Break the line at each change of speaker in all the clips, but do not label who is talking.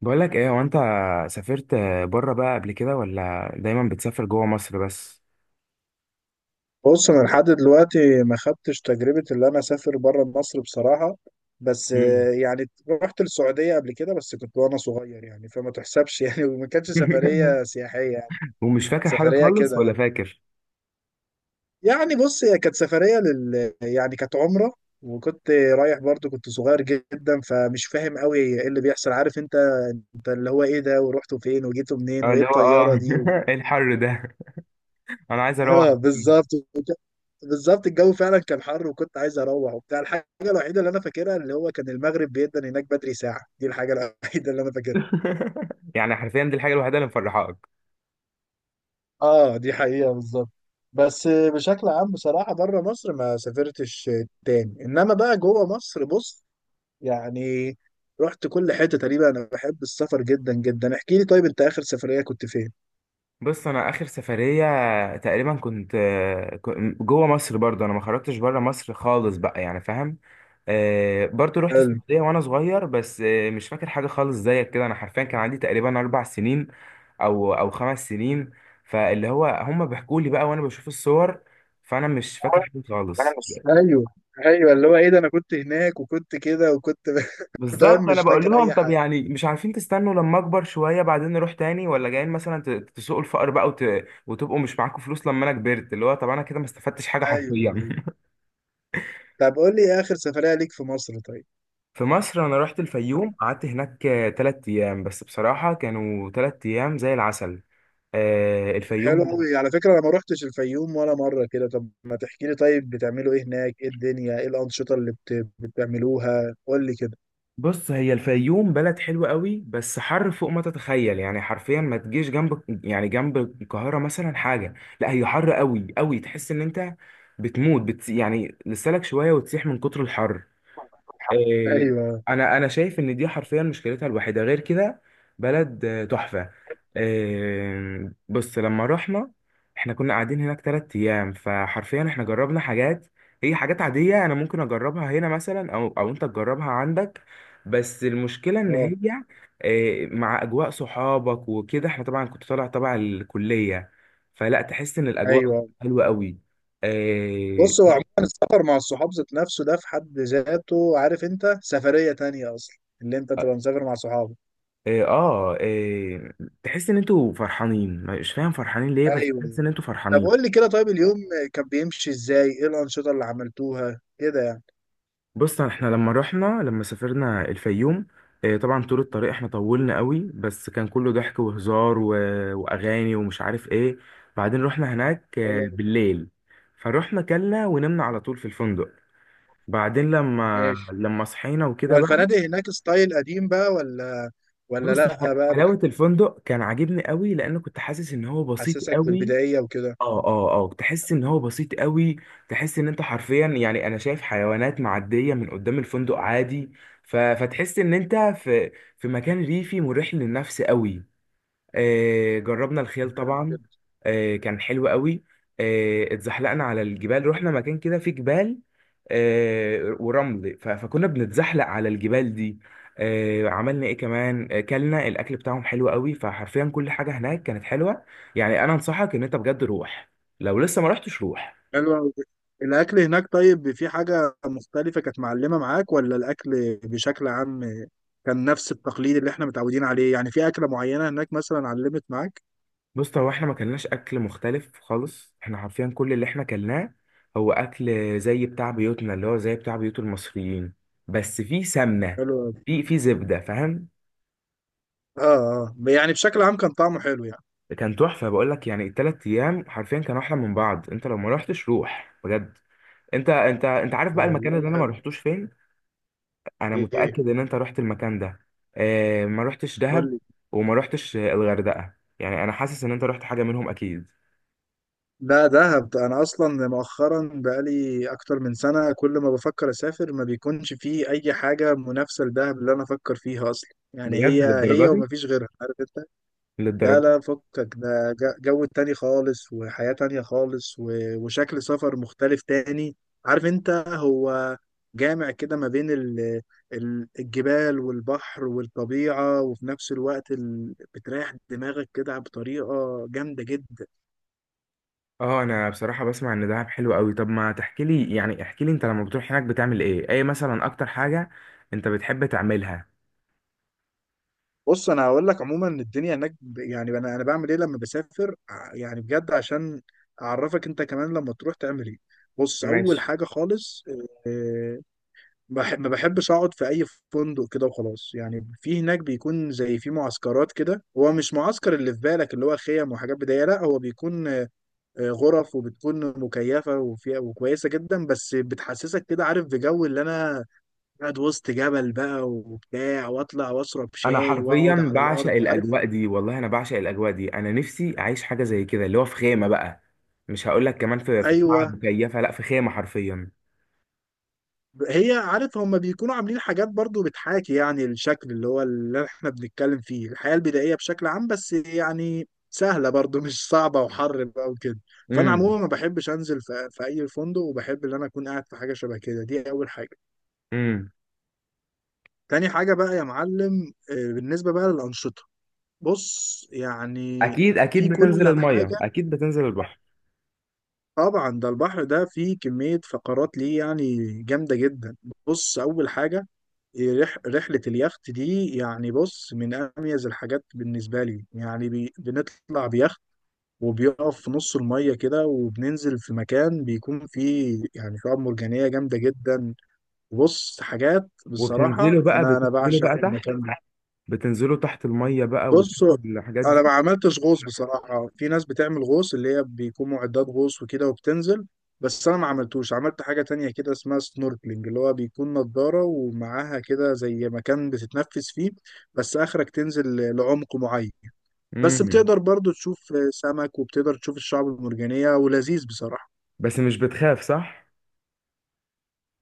بقول لك ايه وانت سافرت بره بقى قبل كده، ولا دايما بتسافر جوه مصر بس؟
بص، انا لحد دلوقتي ما خدتش تجربه اللي انا اسافر بره مصر بصراحه. بس
مم.
يعني رحت السعوديه قبل كده، بس كنت وانا صغير يعني فما تحسبش يعني وما كانتش سفريه سياحيه يعني.
ومش
كانت
فاكر حاجه
سفريه
خالص،
كده
ولا
يعني
فاكر
يعني بص، هي كانت سفريه يعني كانت عمره. وكنت رايح برضو، كنت صغير جدا فمش فاهم قوي ايه اللي بيحصل، عارف انت، انت اللي هو ايه ده ورحتوا فين وجيتوا منين
اه
وايه
اللي هو
الطياره دي؟
ايه الحر ده، انا عايز اروح.
اه بالظبط، الجو فعلا كان حر وكنت عايز اروح وبتاع. الحاجه الوحيده اللي انا فاكرها اللي هو كان المغرب بيدن هناك بدري ساعه دي، الحاجه الوحيده اللي انا فاكرها.
يعني حرفيا دي الحاجه الوحيده اللي مفرحاك؟
اه، دي حقيقه بالظبط. بس بشكل عام بصراحه بره مصر ما سافرتش تاني، انما بقى جوه مصر بص، يعني رحت كل حته تقريبا، انا بحب السفر جدا جدا. احكي لي، طيب انت اخر سفريه كنت فين؟
بص، انا اخر سفريه تقريبا كنت جوه مصر برضه، انا ما خرجتش بره مصر خالص بقى، يعني فاهم. برضو رحت
حلو.
السعودية وأنا صغير، بس مش فاكر حاجة خالص زيك كده. أنا حرفيا كان عندي تقريبا 4 سنين أو 5 سنين، فاللي هو هما بيحكوا لي بقى وأنا بشوف الصور، فأنا مش فاكر حاجة
انا
خالص.
مش، ايوه ايوه، اللي هو ايه ده، انا كنت هناك وكنت كده وكنت فاهم،
بالظبط أنا
مش
بقول
فاكر
لهم،
اي
طب
حاجه.
يعني مش عارفين تستنوا لما أكبر شوية بعدين نروح تاني؟ ولا جايين مثلا تسوقوا الفقر بقى وتبقوا مش معاكم فلوس لما أنا كبرت؟ اللي هو طب أنا كده ما استفدتش حاجة
ايوه،
حرفيا.
أيوة. طب قول لي اخر سفريه ليك في مصر طيب.
في مصر أنا رحت الفيوم، قعدت هناك 3 أيام، بس بصراحة كانوا 3 أيام زي العسل.
حلو
الفيوم.
قوي، على فكره انا ما روحتش الفيوم ولا مره كده. طب ما تحكي لي طيب، بتعملوا ايه هناك؟ ايه الدنيا؟ ايه الانشطه اللي بتعملوها؟ قول لي كده.
بص هي الفيوم بلد حلوة قوي، بس حر فوق ما تتخيل، يعني حرفيا ما تجيش جنب القاهرة مثلا حاجة. لا هي حر قوي قوي، تحس ان انت بتموت، يعني لسالك شوية وتسيح من كتر الحر. آه،
ايوه،
انا شايف ان دي حرفيا مشكلتها الوحيده، غير كده بلد تحفه. بص لما رحنا، احنا كنا قاعدين هناك 3 ايام، فحرفيا احنا جربنا حاجات. هي حاجات عاديه انا ممكن اجربها هنا مثلا، او انت تجربها عندك، بس المشكله ان
اه،
هي مع اجواء صحابك وكده. احنا طبعا كنت طالع تبع الكليه، فلا تحس ان الاجواء
ايوه،
حلوه قوي.
بص، هو عموما السفر مع الصحاب ذات نفسه، ده في حد ذاته عارف انت سفريه تانية اصلا، اللي انت
آه،
تبقى مسافر مع صحابك.
إيه إيه، تحس ان انتوا فرحانين، مش فاهم فرحانين ليه، بس تحس
ايوه.
ان انتوا
طب
فرحانين.
قول لي كده، طيب اليوم كان بيمشي ازاي؟ ايه الانشطه اللي عملتوها كده يعني؟
بص احنا لما سافرنا الفيوم، إيه طبعا طول الطريق احنا طولنا قوي، بس كان كله ضحك وهزار واغاني ومش عارف ايه. بعدين رحنا هناك
حلو،
بالليل، فروحنا كلنا ونمنا على طول في الفندق. بعدين لما
ماشي.
لما صحينا وكده بقى،
والفنادق هناك ستايل قديم بقى، ولا
بص
لأ بقى؟
حلاوة الفندق كان عاجبني قوي لأنه كنت حاسس إن هو بسيط
بتحسسك
قوي.
بالبدائية وكده؟
اه، اه، اه، تحس ان هو بسيط قوي. تحس ان انت حرفيا، يعني انا شايف حيوانات معديه من قدام الفندق عادي، فتحس ان انت في مكان ريفي مريح للنفس قوي. جربنا الخيل طبعا، كان حلو قوي. اتزحلقنا على الجبال، رحنا مكان كده فيه جبال ورمل، فكنا بنتزحلق على الجبال دي. عملنا ايه كمان، كلنا الاكل بتاعهم حلو قوي، فحرفيا كل حاجه هناك كانت حلوه. يعني انا انصحك ان انت بجد روح، لو لسه ما رحتش روح.
حلوة أوي. الأكل هناك طيب، في حاجة مختلفة كانت معلمة معاك ولا الأكل بشكل عام كان نفس التقليد اللي احنا متعودين عليه؟ يعني في أكلة معينة هناك مثلا علمت معاك؟
بص هو احنا ما كلناش اكل مختلف خالص، احنا حرفيا كل اللي احنا كلناه هو اكل زي بتاع بيوتنا، اللي هو زي بتاع بيوت المصريين، بس في سمنه،
حلو أوي.
في زبده، فاهم.
اه، اه، يعني بشكل عام كان طعمه حلو يعني.
كان تحفه، بقول لك يعني الثلاث ايام حرفيا كانوا احلى من بعض، انت لو ما رحتش روح بجد. انت عارف بقى المكان
والله
اللي انا ما
حلو.
رحتوش فين؟ انا
ايه؟
متاكد ان انت رحت المكان ده. اه، ما رحتش دهب،
قول لي.
وما رحتش الغردقه، يعني انا حاسس ان انت رحت حاجه منهم اكيد.
لا، دهب. انا اصلا مؤخرا بقالي اكتر من سنه، كل ما بفكر اسافر ما بيكونش فيه اي حاجه منافسه لدهب اللي انا افكر فيها اصلا. يعني
بجد
هي
للدرجه
هي
دي؟
ومفيش غيرها، عارف انت. لا
للدرجه.
لا، فكك ده، جو تاني خالص، وحياه تانية خالص، وشكل سفر مختلف تاني، عارف انت. هو جامع كده ما بين الجبال والبحر والطبيعه، وفي نفس الوقت بتريح دماغك كده بطريقه جامده جدا.
اه انا بصراحه بسمع ان دهب حلو قوي، طب ما تحكي لي، يعني احكي لي انت لما بتروح هناك بتعمل ايه، ايه مثلا اكتر حاجه انت بتحب تعملها؟
بص، انا هقول لك عموما الدنيا هناك، يعني انا بعمل ايه لما بسافر، يعني بجد عشان اعرفك انت كمان لما تروح تعمل ايه. بص، اول
ماشي.
حاجه خالص، آه، ما بحبش اقعد في اي فندق كده وخلاص. يعني في هناك بيكون زي في معسكرات كده، هو مش معسكر اللي في بالك اللي هو خيم وحاجات بدائيه، لا، هو بيكون غرف وبتكون مكيفه وفيها وكويسه جدا، بس بتحسسك كده عارف بجو اللي انا قاعد وسط جبل بقى وبتاع، واطلع واشرب
انا
شاي واقعد
حرفيا
على
بعشق
الارض عارف.
الاجواء دي، والله انا بعشق الاجواء دي، انا نفسي اعيش حاجه زي كده، اللي هو في خيمه بقى، مش هقول لك كمان في بتاع
ايوه.
مكيفه، لا في خيمه حرفيا.
هي عارف، هم بيكونوا عاملين حاجات برضو بتحاكي يعني الشكل اللي هو اللي احنا بنتكلم فيه، الحياة البدائية بشكل عام، بس يعني سهلة برضو مش صعبة، وحر بقى وكده. فانا عموما
امم
ما بحبش انزل في اي فندق، وبحب ان انا اكون قاعد في حاجة شبه كده. دي اول حاجة.
امم
تاني حاجة بقى يا معلم، بالنسبة بقى للأنشطة، بص، يعني
اكيد اكيد
في
بتنزل
كل
الميه،
حاجة.
اكيد بتنزل البحر.
طبعا ده البحر ده فيه كمية فقرات ليه يعني جامدة جدا. بص، أول حاجة، إيه، رحلة اليخت دي يعني. بص، من أميز الحاجات بالنسبة لي يعني، بنطلع بيخت وبيقف في نص المية كده، وبننزل في مكان بيكون فيه يعني شعاب مرجانية جامدة جدا. بص حاجات،
وبتنزلوا
بصراحة
بقى،
أنا
بتنزلوا
بعشق
بقى تحت،
المكان ده.
بتنزلوا تحت الميه بقى
بص،
وتشوفوا الحاجات
انا
دي.
ما عملتش غوص بصراحه. في ناس بتعمل غوص، اللي هي بيكون معدات غوص وكده وبتنزل، بس انا ما عملتوش. عملت حاجه تانية كده اسمها سنوركلينج، اللي هو بيكون نضاره ومعاها كده زي مكان بتتنفس فيه، بس اخرك تنزل لعمق معين، بس
امم
بتقدر برضو تشوف سمك وبتقدر تشوف الشعب المرجانيه، ولذيذ بصراحه.
بس مش بتخاف، صح؟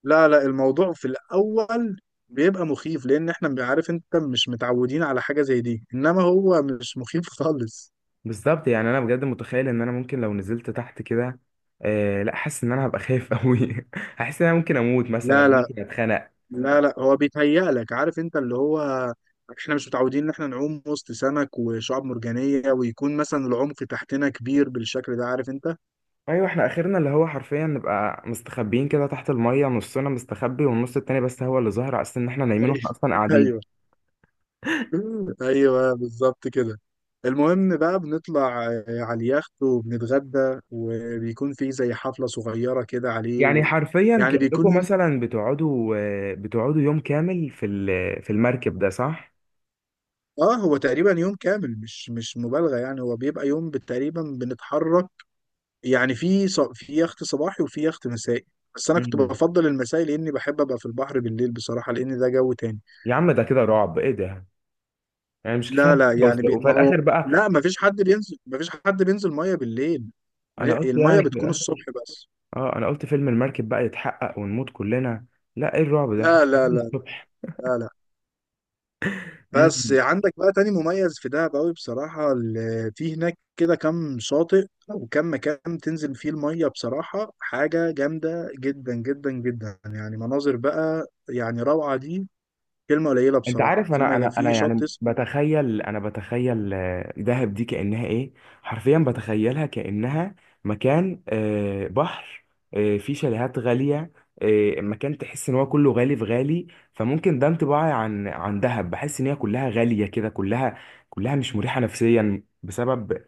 لا لا، الموضوع في الاول بيبقى مخيف لان احنا عارف انت مش متعودين على حاجه زي دي، انما هو مش مخيف خالص.
بالظبط، يعني انا بجد متخيل ان انا ممكن لو نزلت تحت كده، لا حاسس ان انا هبقى خايف قوي. هحس ان انا ممكن اموت مثلا،
لا لا
ممكن اتخنق.
لا لا، هو بيتهيأ لك، عارف انت، اللي هو احنا مش متعودين ان احنا نعوم وسط سمك وشعاب مرجانية، ويكون مثلا العمق تحتنا كبير بالشكل ده عارف انت.
ايوه احنا اخرنا اللي هو حرفيا نبقى مستخبيين كده تحت الميه، نصنا مستخبي والنص التاني بس هو اللي ظاهر، على اساس ان احنا نايمين واحنا اصلا
ايوه،
قاعدين.
ايوه، بالظبط كده. المهم بقى بنطلع على اليخت، وبنتغدى وبيكون في زي حفلة صغيرة كده عليه.
يعني حرفيا
يعني بيكون
كأنكم
يوم،
مثلا بتقعدوا يوم كامل في في المركب ده، صح؟
اه هو تقريبا يوم كامل، مش مبالغة، يعني هو بيبقى يوم تقريبا بنتحرك. يعني في في يخت صباحي وفي يخت مسائي، بس انا كنت
مم.
بفضل المسائي لاني بحب ابقى في البحر بالليل بصراحه، لان ده جو تاني.
يا عم ده كده رعب، ايه ده؟ يعني مش كفايه،
لا لا، يعني
وفي
ما هو،
الاخر بقى،
لا، ما فيش حد بينزل ميه بالليل،
انا قلت
الميه
يعني
بتكون الصبح بس.
اه انا قلت فيلم المركب بقى يتحقق ونموت كلنا. لا ايه الرعب ده، احنا
لا لا
قاعدين
لا
الصبح.
لا لا. بس
مم.
عندك بقى تاني مميز في دهب قوي بصراحة. في هناك كده كام شاطئ وكم مكان تنزل فيه المية، بصراحة حاجة جامدة جدا جدا جدا يعني، مناظر بقى يعني روعة دي، كلمه قليله
انت
بصراحه.
عارف،
في
انا انا انا
في
يعني
شط اسمه.
بتخيل دهب دي كانها ايه، حرفيا بتخيلها كانها مكان بحر فيه شاليهات غاليه، مكان تحس ان هو كله غالي في غالي. فممكن ده انطباعي عن دهب، بحس ان هي كلها غاليه كده، كلها مش مريحه نفسيا، بسبب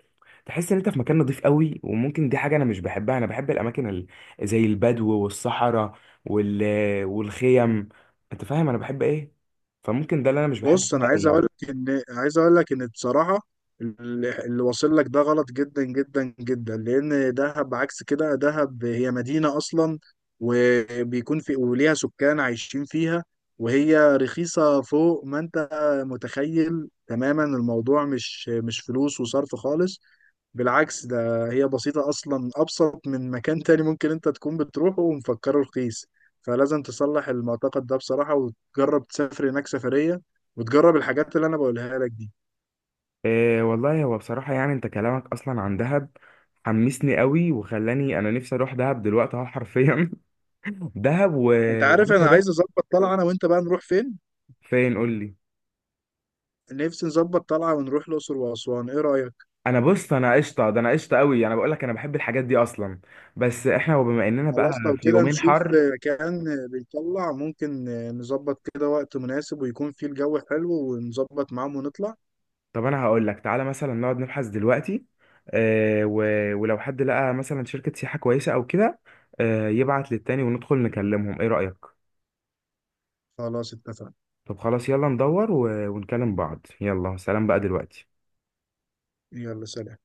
تحس ان انت في مكان نضيف قوي، وممكن دي حاجه انا مش بحبها. انا بحب الاماكن زي البدو والصحراء، وال والخيم، انت فاهم انا بحب ايه. فممكن ده اللي انا مش بحبه
بص، انا
فيها
عايز اقول
قوي.
لك ان، بصراحه اللي واصل لك ده غلط جدا جدا جدا، لان دهب عكس كده. دهب هي مدينه اصلا، وبيكون في وليها سكان عايشين فيها، وهي رخيصه فوق ما انت متخيل تماما. الموضوع مش فلوس وصرف خالص. بالعكس، ده هي بسيطة أصلا، أبسط من مكان تاني ممكن أنت تكون بتروحه ومفكره رخيص. فلازم تصلح المعتقد ده بصراحة، وتجرب تسافر هناك سفرية وتجرب الحاجات اللي أنا بقولها لك دي.
إيه والله، هو بصراحة يعني انت كلامك اصلا عن دهب حمسني قوي، وخلاني انا نفسي اروح دهب دلوقتي اهو، حرفيا. دهب
أنت
وعايز
عارف، أنا
اروح
عايز أظبط طلعة أنا وأنت بقى نروح فين؟
فين؟ قول لي.
نفسي نظبط طلعة ونروح الأقصر وأسوان، إيه رأيك؟
بص انا قشطه، ده انا قشطه قوي، انا بقول لك انا بحب الحاجات دي اصلا، بس احنا وبما اننا
خلاص،
بقى
لو
في
كده
يومين
نشوف
حر.
مكان بيطلع، ممكن نظبط كده وقت مناسب ويكون فيه الجو حلو ونظبط معاهم ونطلع.
طب انا هقول لك، تعالى مثلا نقعد نبحث دلوقتي، إيه ولو حد لقى مثلا شركة سياحة كويسة او كده، إيه يبعت للتاني وندخل نكلمهم، ايه رأيك؟
خلاص اتفقنا.
طب خلاص يلا ندور، ونكلم بعض، يلا سلام بقى دلوقتي.
يلا سلام.